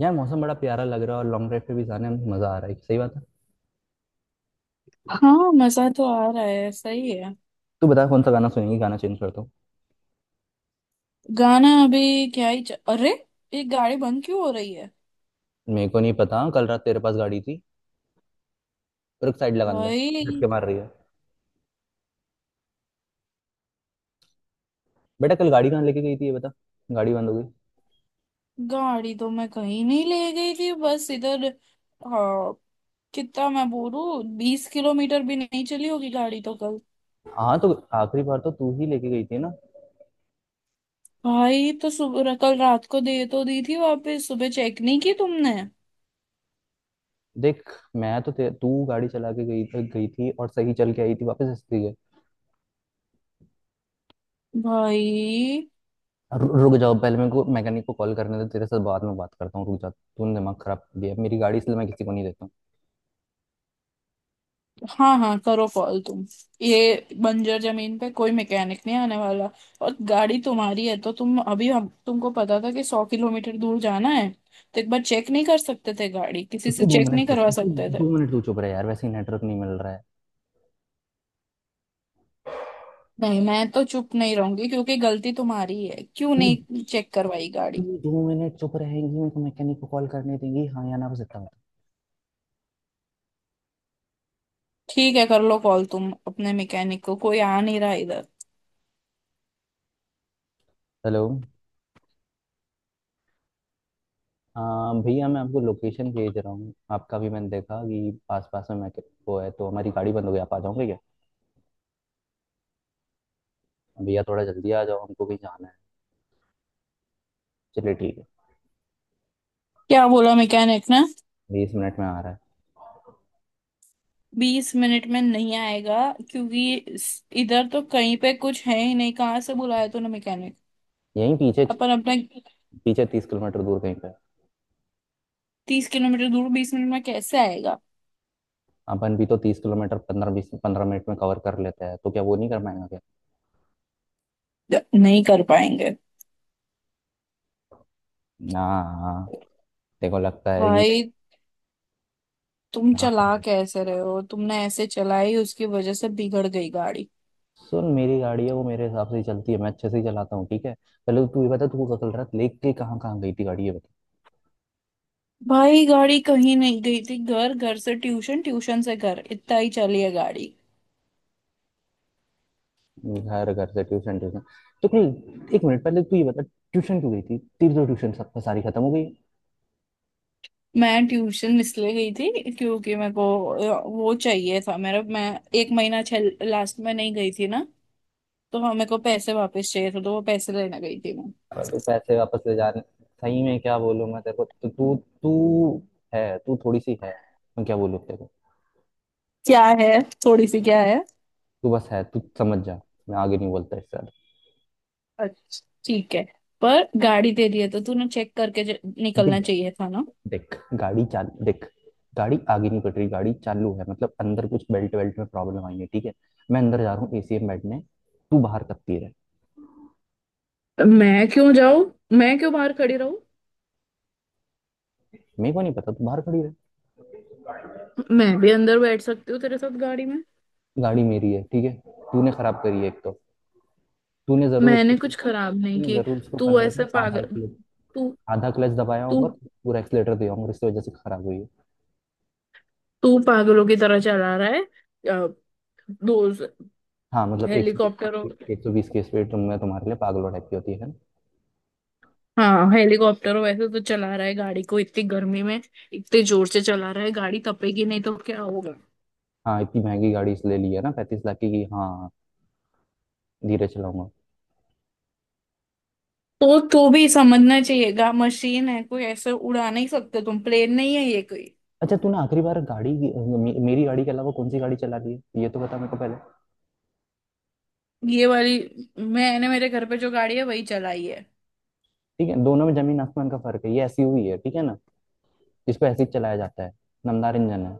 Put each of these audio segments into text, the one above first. यार मौसम बड़ा प्यारा लग रहा है और लॉन्ग ड्राइव पे भी जाने में मजा आ रहा है। सही बात है। हाँ, मजा तो आ रहा है। सही है। तू बता कौन सा गाना सुनेगी, गाना चेंज कर दो। गाना अभी क्या ही अरे, ये गाड़ी बंद क्यों हो रही है? मेरे को नहीं पता, कल रात तेरे पास गाड़ी थी। पर एक साइड लगा दे। झटके भाई, मार रही है। बेटा कल गाड़ी कहाँ लेके गई थी ये बता। गाड़ी बंद हो गई। गाड़ी तो मैं कहीं नहीं ले गई थी, बस इधर। हाँ। कितना मैं बोलूं। 20 किलोमीटर भी नहीं चली होगी गाड़ी तो कल। हाँ तो आखिरी बार तो तू ही लेके गई थी ना। भाई, तो सुबह, कल रात को दे तो दी थी वापस, सुबह चेक नहीं की तुमने? देख, मैं तो तू गाड़ी चला के गई गई थी और सही चल के आई थी वापस हंसती है। भाई। रुक जाओ, पहले मेरे को मैकेनिक को कॉल करने दे, तेरे साथ बाद में बात करता हूँ। रुक जा, तूने दिमाग खराब कर दिया, मेरी गाड़ी इसलिए मैं किसी को नहीं देता हूँ। हाँ हाँ, करो कॉल तुम। ये बंजर जमीन पे कोई मैकेनिक नहीं आने वाला। और गाड़ी तुम्हारी है तो तुम अभी हम तुमको पता था कि 100 किलोमीटर दूर जाना है तो एक बार चेक नहीं कर सकते थे गाड़ी, किसी तो से तू दो चेक मिनट नहीं चुप, करवा तू सकते थे? दो मिनट तू चुप रहे यार, वैसे ही नेटवर्क नहीं मिल रहा है। नहीं, मैं तो चुप नहीं रहूंगी क्योंकि गलती तुम्हारी है। क्यों तू नहीं चेक करवाई गाड़ी? दो मिनट चुप रहेंगी, मेरे को मैकेनिक को कॉल करने देंगी, हाँ या ना, बस इतना बता। ठीक है, कर लो कॉल तुम अपने मैकेनिक को, कोई आ नहीं रहा इधर। हेलो, हाँ भैया, मैं आपको लोकेशन भेज रहा हूँ, आपका भी मैंने देखा कि आस पास में मैकेनिक वो है, तो हमारी गाड़ी बंद हो गई, आप आ जाओगे क्या? भैया थोड़ा जल्दी आ जाओ, हमको भी जाना है। चलिए ठीक है। क्या बोला मैकेनिक ने? 20 मिनट में आ रहा है। 20 मिनट में नहीं आएगा। क्योंकि इधर तो कहीं पे कुछ है ही नहीं, कहाँ से बुलाया तूने मैकेनिक? यहीं पीछे, अपन अपना। पीछे 30 किलोमीटर दूर कहीं पे है। 30 किलोमीटर दूर 20 मिनट में कैसे आएगा? अपन भी तो 30 किलोमीटर 15-20, 15 मिनट में कवर कर लेते हैं, तो क्या वो नहीं कर पाएंगे क्या? नहीं कर पाएंगे। ना। देखो लगता है कि भाई, तुम क्या चला करूं। कैसे रहे हो? तुमने ऐसे चलाई, उसकी वजह से बिगड़ गई गाड़ी। सुन, मेरी गाड़ी है वो, मेरे हिसाब से ही चलती है, मैं अच्छे से ही चलाता हूँ, ठीक है। पहले तो तू ये बता, तू कल रात लेके कहाँ कहाँ गई थी गाड़ी ये भाई, गाड़ी कहीं नहीं गई थी। घर, घर से ट्यूशन, ट्यूशन से घर, इतना ही चली है गाड़ी। बता। घर घर से ट्यूशन ट्यूशन, तो कल एक मिनट पहले तू ये बता, ट्यूशन क्यों गई थी, तेरी तो ट्यूशन सब सारी खत्म हो गई। मैं ट्यूशन इसलिए गई थी क्योंकि मेरे को वो चाहिए था मेरा। मैं एक महीना छल लास्ट में नहीं गई थी ना, तो हाँ, मेरे को पैसे वापस चाहिए थे, तो वो पैसे लेने गई थी मैं। अब तू पैसे वापस ले जाने, सही में क्या बोलूँ मैं तेरे को, तो तू, तू है, तू थोड़ी सी है, मैं क्या बोलूँ तेरे को। क्या है? थोड़ी सी क्या है? तू बस है तू समझ जा, मैं आगे नहीं बोलता इससे अच्छा ठीक है। पर गाड़ी तेरी है तो तूने चेक करके निकलना ज्यादा। चाहिए था ना। देख गाड़ी चाल, देख गाड़ी आगे नहीं कट रही, गाड़ी चालू है, मतलब अंदर कुछ बेल्ट वेल्ट में प्रॉब्लम आई है, ठीक है। मैं अंदर जा रहा हूँ एसी में बैठने, तू बाहर कब रहे। मैं क्यों जाऊं? मैं क्यों बाहर खड़ी रहूं? मेरे को नहीं पता, तू बाहर खड़ी रहे। मैं भी अंदर बैठ सकती हूँ तेरे साथ गाड़ी में। गाड़ी मेरी है ठीक है, तूने खराब करी है एक तो। तूने जरूर इसको, मैंने कुछ खराब नहीं तूने की। जरूर इसको, पर तू पता ऐसे है आधा पागल। एक्सीटर, तू आधा क्लच दबाया तू होगा, पूरा एक्सीटर दिया होगा, इस वजह से खराब हुई है। तू पागलों की तरह चला रहा है। अ, दो। हाँ मतलब एक सौ हेलीकॉप्टरों। बीस एक सौ बीस की स्पीड तो मैं तुम्हारे लिए पागलों टाइप की होती है ना। हाँ, हेलीकॉप्टरों वैसे तो चला रहा है गाड़ी को इतनी गर्मी में। इतने जोर से चला रहा है गाड़ी, तपेगी नहीं तो क्या होगा? हाँ इतनी महंगी गाड़ी इसलिए ली है ना 35 लाख की, कि हाँ धीरे चलाऊंगा। तो भी समझना चाहिएगा, मशीन है कोई, ऐसे उड़ा नहीं सकते तुम, प्लेन नहीं है ये कोई। अच्छा, तूने आखिरी बार गाड़ी मेरी गाड़ी के अलावा कौन सी गाड़ी चला दी है ये तो बता मेरे को पहले। ये वाली। मैंने मेरे घर पे जो गाड़ी है वही चलाई है। ठीक है, दोनों में जमीन आसमान का फर्क है, ये एसयूवी है ठीक है ना, इसको ऐसे ही चलाया जाता है, नमदार इंजन है।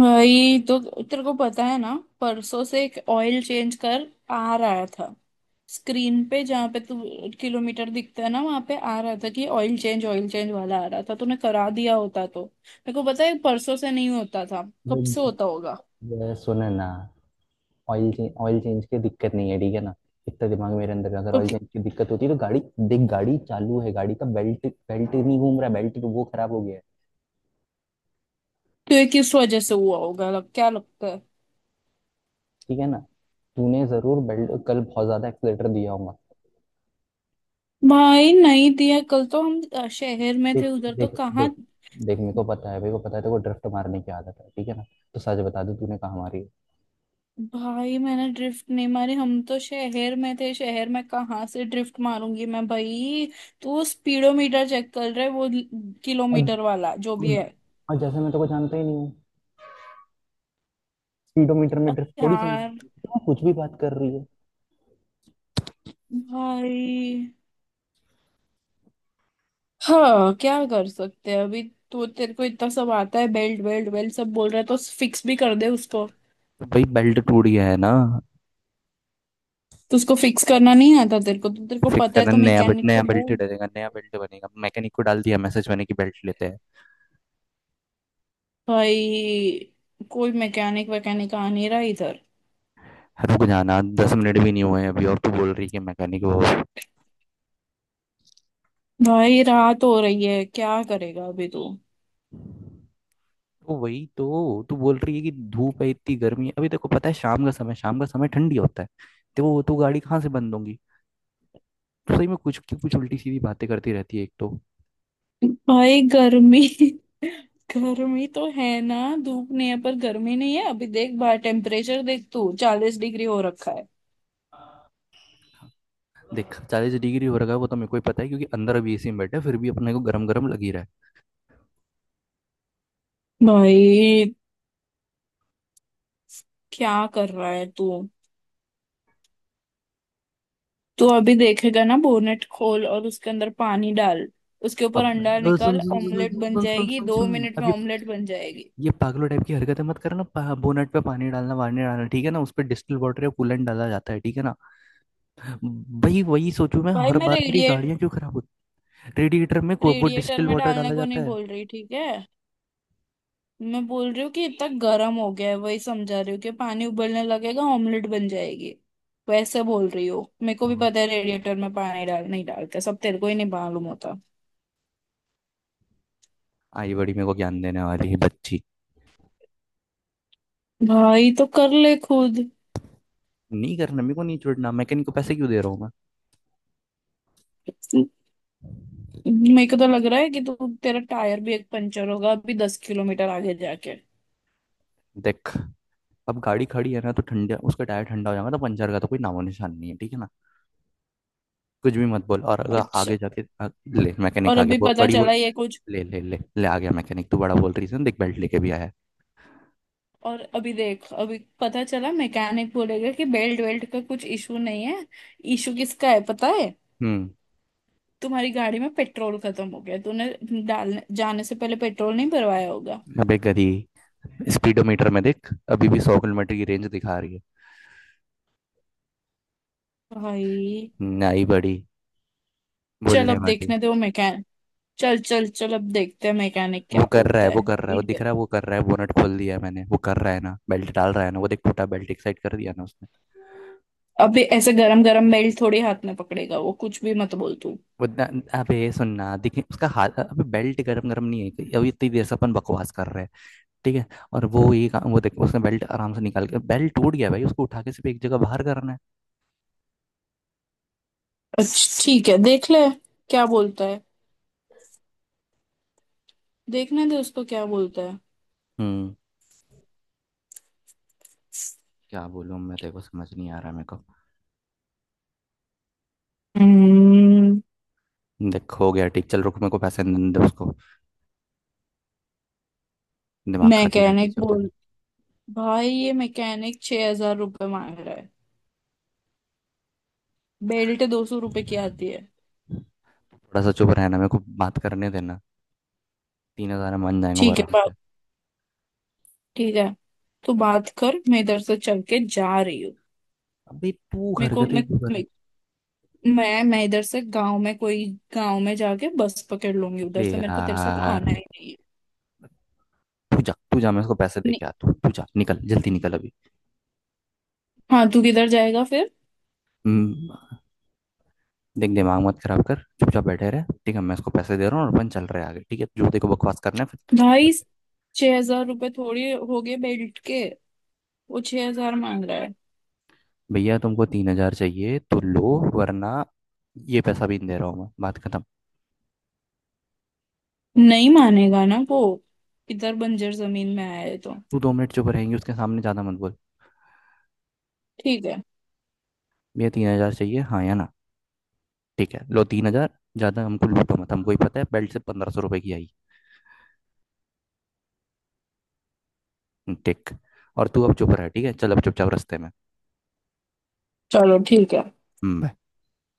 भाई तो तेरे को पता है ना, परसों से एक ऑयल चेंज कर आ रहा था स्क्रीन पे, जहाँ पे तू किलोमीटर दिखता है ना वहां पे आ रहा था कि ऑयल चेंज, ऑयल चेंज वाला आ रहा था। तूने करा दिया होता तो मेरे को पता है परसों से नहीं होता था, कब भाई, से होता होगा। ये सुने ना, ऑयल चेंज की दिक्कत नहीं है ठीक है ना। इतना दिमाग मेरे अंदर है। अगर तो ऑयल कि- चेंज की दिक्कत होती है तो गाड़ी देख, गाड़ी चालू है, गाड़ी का बेल्ट, बेल्ट नहीं घूम रहा है, बेल्ट वो खराब हो गया है, तो ये किस वजह से हुआ होगा, क्या लगता है? ठीक है ना। तूने जरूर बेल्ट कल बहुत ज्यादा एक्सलेटर दिया होगा। भाई, नहीं दिया। कल तो हम शहर में देख थे, उधर तो देख कहाँ। देख देख, मेरे को पता है, मेरे को पता है तेरे को ड्रिफ्ट मारने की आदत है ठीक है ना, तो सच बता दे तूने कहाँ मारी है। भाई, मैंने ड्रिफ्ट नहीं मारी। हम तो शहर में थे, शहर में कहाँ से ड्रिफ्ट मारूंगी मैं भाई। तू स्पीडोमीटर चेक कर रहे वो, और किलोमीटर वाला जो भी और, है। और जैसे मैं तेरे को जानता ही नहीं हूँ। स्पीडोमीटर में ड्रिफ्ट थोड़ी समझ, यार, तू कुछ भी बात कर रही है। भाई, हाँ क्या कर सकते हैं अभी? तो तेरे को इतना सब आता है, बेल्ट, बेल्ट, बेल्ट सब बोल रहा है, तो फिक्स भी कर दे उसको। तो भाई बेल्ट टूट गया है ना, तो उसको फिक्स करना नहीं आता तेरे को, तो तेरे को फिक्स पता है करना, तो मैकेनिक को नया बेल्ट बोल। डलेगा, नया बेल्ट बनेगा, मैकेनिक को डाल दिया मैसेज मैंने कि बेल्ट लेते हैं। भाई, कोई मैकेनिक वैकेनिक आ नहीं रहा इधर। रुक जाना, 10 मिनट भी नहीं हुए हैं अभी और तू बोल रही है मैकेनिक। भाई, रात हो रही है, क्या करेगा अभी तू? वो तो वही तो तू बोल रही है कि धूप है इतनी गर्मी है, अभी देखो पता है शाम का समय, शाम का समय ठंडी होता है, तो वो तो गाड़ी कहाँ से बंद होंगी। तो सही में कुछ कुछ उल्टी सीधी बातें करती रहती है एक तो। भाई, गर्मी गर्मी तो है ना। धूप नहीं है पर गर्मी नहीं है अभी? देख बाहर टेम्परेचर देख तू, 40 डिग्री हो रखा है। देख 40 डिग्री हो रखा है, वो तो मेरे को ही पता है क्योंकि अंदर अभी एसी में बैठे हैं, फिर भी अपने को गरम गरम लग ही रहा है। भाई, क्या कर रहा है तू? तू अभी देखेगा ना, बोनेट खोल और उसके अंदर पानी डाल, उसके ऊपर अब अंडा सुन निकाल, सुन सुन सुन, ऑमलेट बन सुन सुन जाएगी सुन दो सुन, मिनट में, अब ये ऑमलेट बन जाएगी। ये पागलों टाइप की हरकतें मत करना बोनट पे पानी डालना वानी डालना, ठीक है ना, उस पर डिस्टिल वाटर या कूलेंट डाला जाता है ठीक है ना। वही वही सोचूं मैं भाई, हर मैं बार मेरी गाड़ियां क्यों खराब होती। रेडिएटर में वो रेडिएटर डिस्टिल में वाटर डालने डाला को जाता नहीं है। बोल रही, ठीक है? मैं बोल रही हूँ कि इतना गर्म हो गया है, वही समझा रही हूँ कि पानी उबलने लगेगा, ऑमलेट बन जाएगी वैसे बोल रही हो। मेरे को भी अब पता है रेडिएटर में पानी डाल नहीं डालते, सब तेरे को ही नहीं मालूम होता। आई बड़ी मेरे को ज्ञान देने वाली है बच्ची। भाई तो कर ले खुद। नहीं करना मेरे को, नहीं छोड़ना, मैकेनिक को पैसे क्यों दे रहा हूँ मैं। मेरे को तो लग रहा है कि तू, तेरा टायर भी एक पंचर होगा अभी 10 किलोमीटर आगे जाके। देख, अब गाड़ी खड़ी है ना, तो ठंडा उसका टायर ठंडा हो जाएगा, तो पंचर का तो कोई नामो निशान नहीं है ठीक है ना। कुछ भी मत बोल, और अगर अच्छा, आगे जाके ले मैकेनिक और आ गया, अभी पता बड़ी बोल। चला ये कुछ। ले ले ले ले, आ गया मैकेनिक, तू बड़ा बोल रीजन, देख बेल्ट लेके भी आया है। और अभी देख, अभी पता चला मैकेनिक बोलेगा कि बेल्ट वेल्ट का कुछ इशू नहीं है। इशू किसका है पता है? हम्म। तुम्हारी गाड़ी में पेट्रोल खत्म हो गया। तूने डालने जाने से पहले पेट्रोल नहीं भरवाया होगा। अबे गधी, स्पीडोमीटर में देख, अभी भी 100 किलोमीटर की रेंज दिखा रही है। भाई। नाई बड़ी चल, बोलने अब वाली। देखने दे वो मैकेनिक। चल चल चल, अब देखते हैं मैकेनिक क्या वो कर रहा बोलता है है। वो कर रहा है, वो दिख रहा इडियट, है वो कर रहा है, बोनट खोल दिया है मैंने, वो कर रहा है ना, बेल्ट डाल रहा है ना वो, देख टूटा बेल्ट एक साइड कर दिया ना उसने। अबे ऐसे गरम गरम मेल थोड़ी हाथ में पकड़ेगा वो, कुछ भी मत बोल तू। वो ना- अबे सुनना देखिए उसका हाथ, अबे बेल्ट गरम गरम नहीं है कि, अभी इतनी देर से अपन बकवास कर रहे हैं ठीक है। और वो ये काम वो देख, उसने बेल्ट आराम से निकाल के, बेल्ट टूट गया भाई, उसको उठा के सिर्फ एक जगह बाहर करना है। अच्छा ठीक है, देख ले क्या बोलता है, देखने दे उसको क्या बोलता है। हम्म। क्या बोलूँ मैं तेरे को, समझ नहीं आ रहा मेरे को। हम्म। देख हो गया ठीक, चल रुक, मेरे को पैसे नहीं दे उसको, दिमाग खाती रहती है मैकेनिक जब तक। बोल। भाई, ये मैकेनिक 6,000 रुपये मांग रहा है, बेल्ट 200 रुपए की आती है। थोड़ा सा चुप रहना, मेरे को बात करने देना, 3,000 में मान जाएंगे वो ठीक है, आराम बात। से। ठीक है, तो बात कर, मैं इधर से चल के जा रही हूँ। अबे तू मेरे को हरकतें क्यों कर। मैं मैं इधर से गांव में कोई, गांव में जाके बस पकड़ लूंगी उधर अरे से, मेरे को तेरे साथ यार आना ही नहीं है। तू जा, तू जा, मैं उसको पैसे दे के नहीं, आता हूँ, तू जा निकल जल्दी निकल अभी। हाँ तू किधर जाएगा फिर? हम्म। देख दिमाग मत खराब कर, चुपचाप बैठे रहे ठीक है, मैं उसको पैसे दे रहा हूँ और अपन चल रहे हैं आगे, ठीक है, जो देखो बकवास करना है फिर। ढाई। छह हजार रुपये थोड़ी हो गए बेल्ट के! वो 6,000 मांग रहा है। भैया तुमको 3,000 चाहिए तो लो, वरना ये पैसा भी नहीं दे रहा हूँ मैं, बात खत्म। नहीं मानेगा ना वो, इधर बंजर जमीन में आया है तो। तू दो मिनट चुप रहेंगी, उसके सामने ज़्यादा मत बोल। ठीक है। भैया 3,000 चाहिए, हाँ या ना। ठीक है लो 3,000। ज़्यादा हमको लूटो मत, हमको ही पता है बेल्ट से 1500 रुपए की आई। ठीक। और तू अब चुप रह, ठीक है, चल अब चुपचाप रास्ते में। चलो ठीक है। हम्म।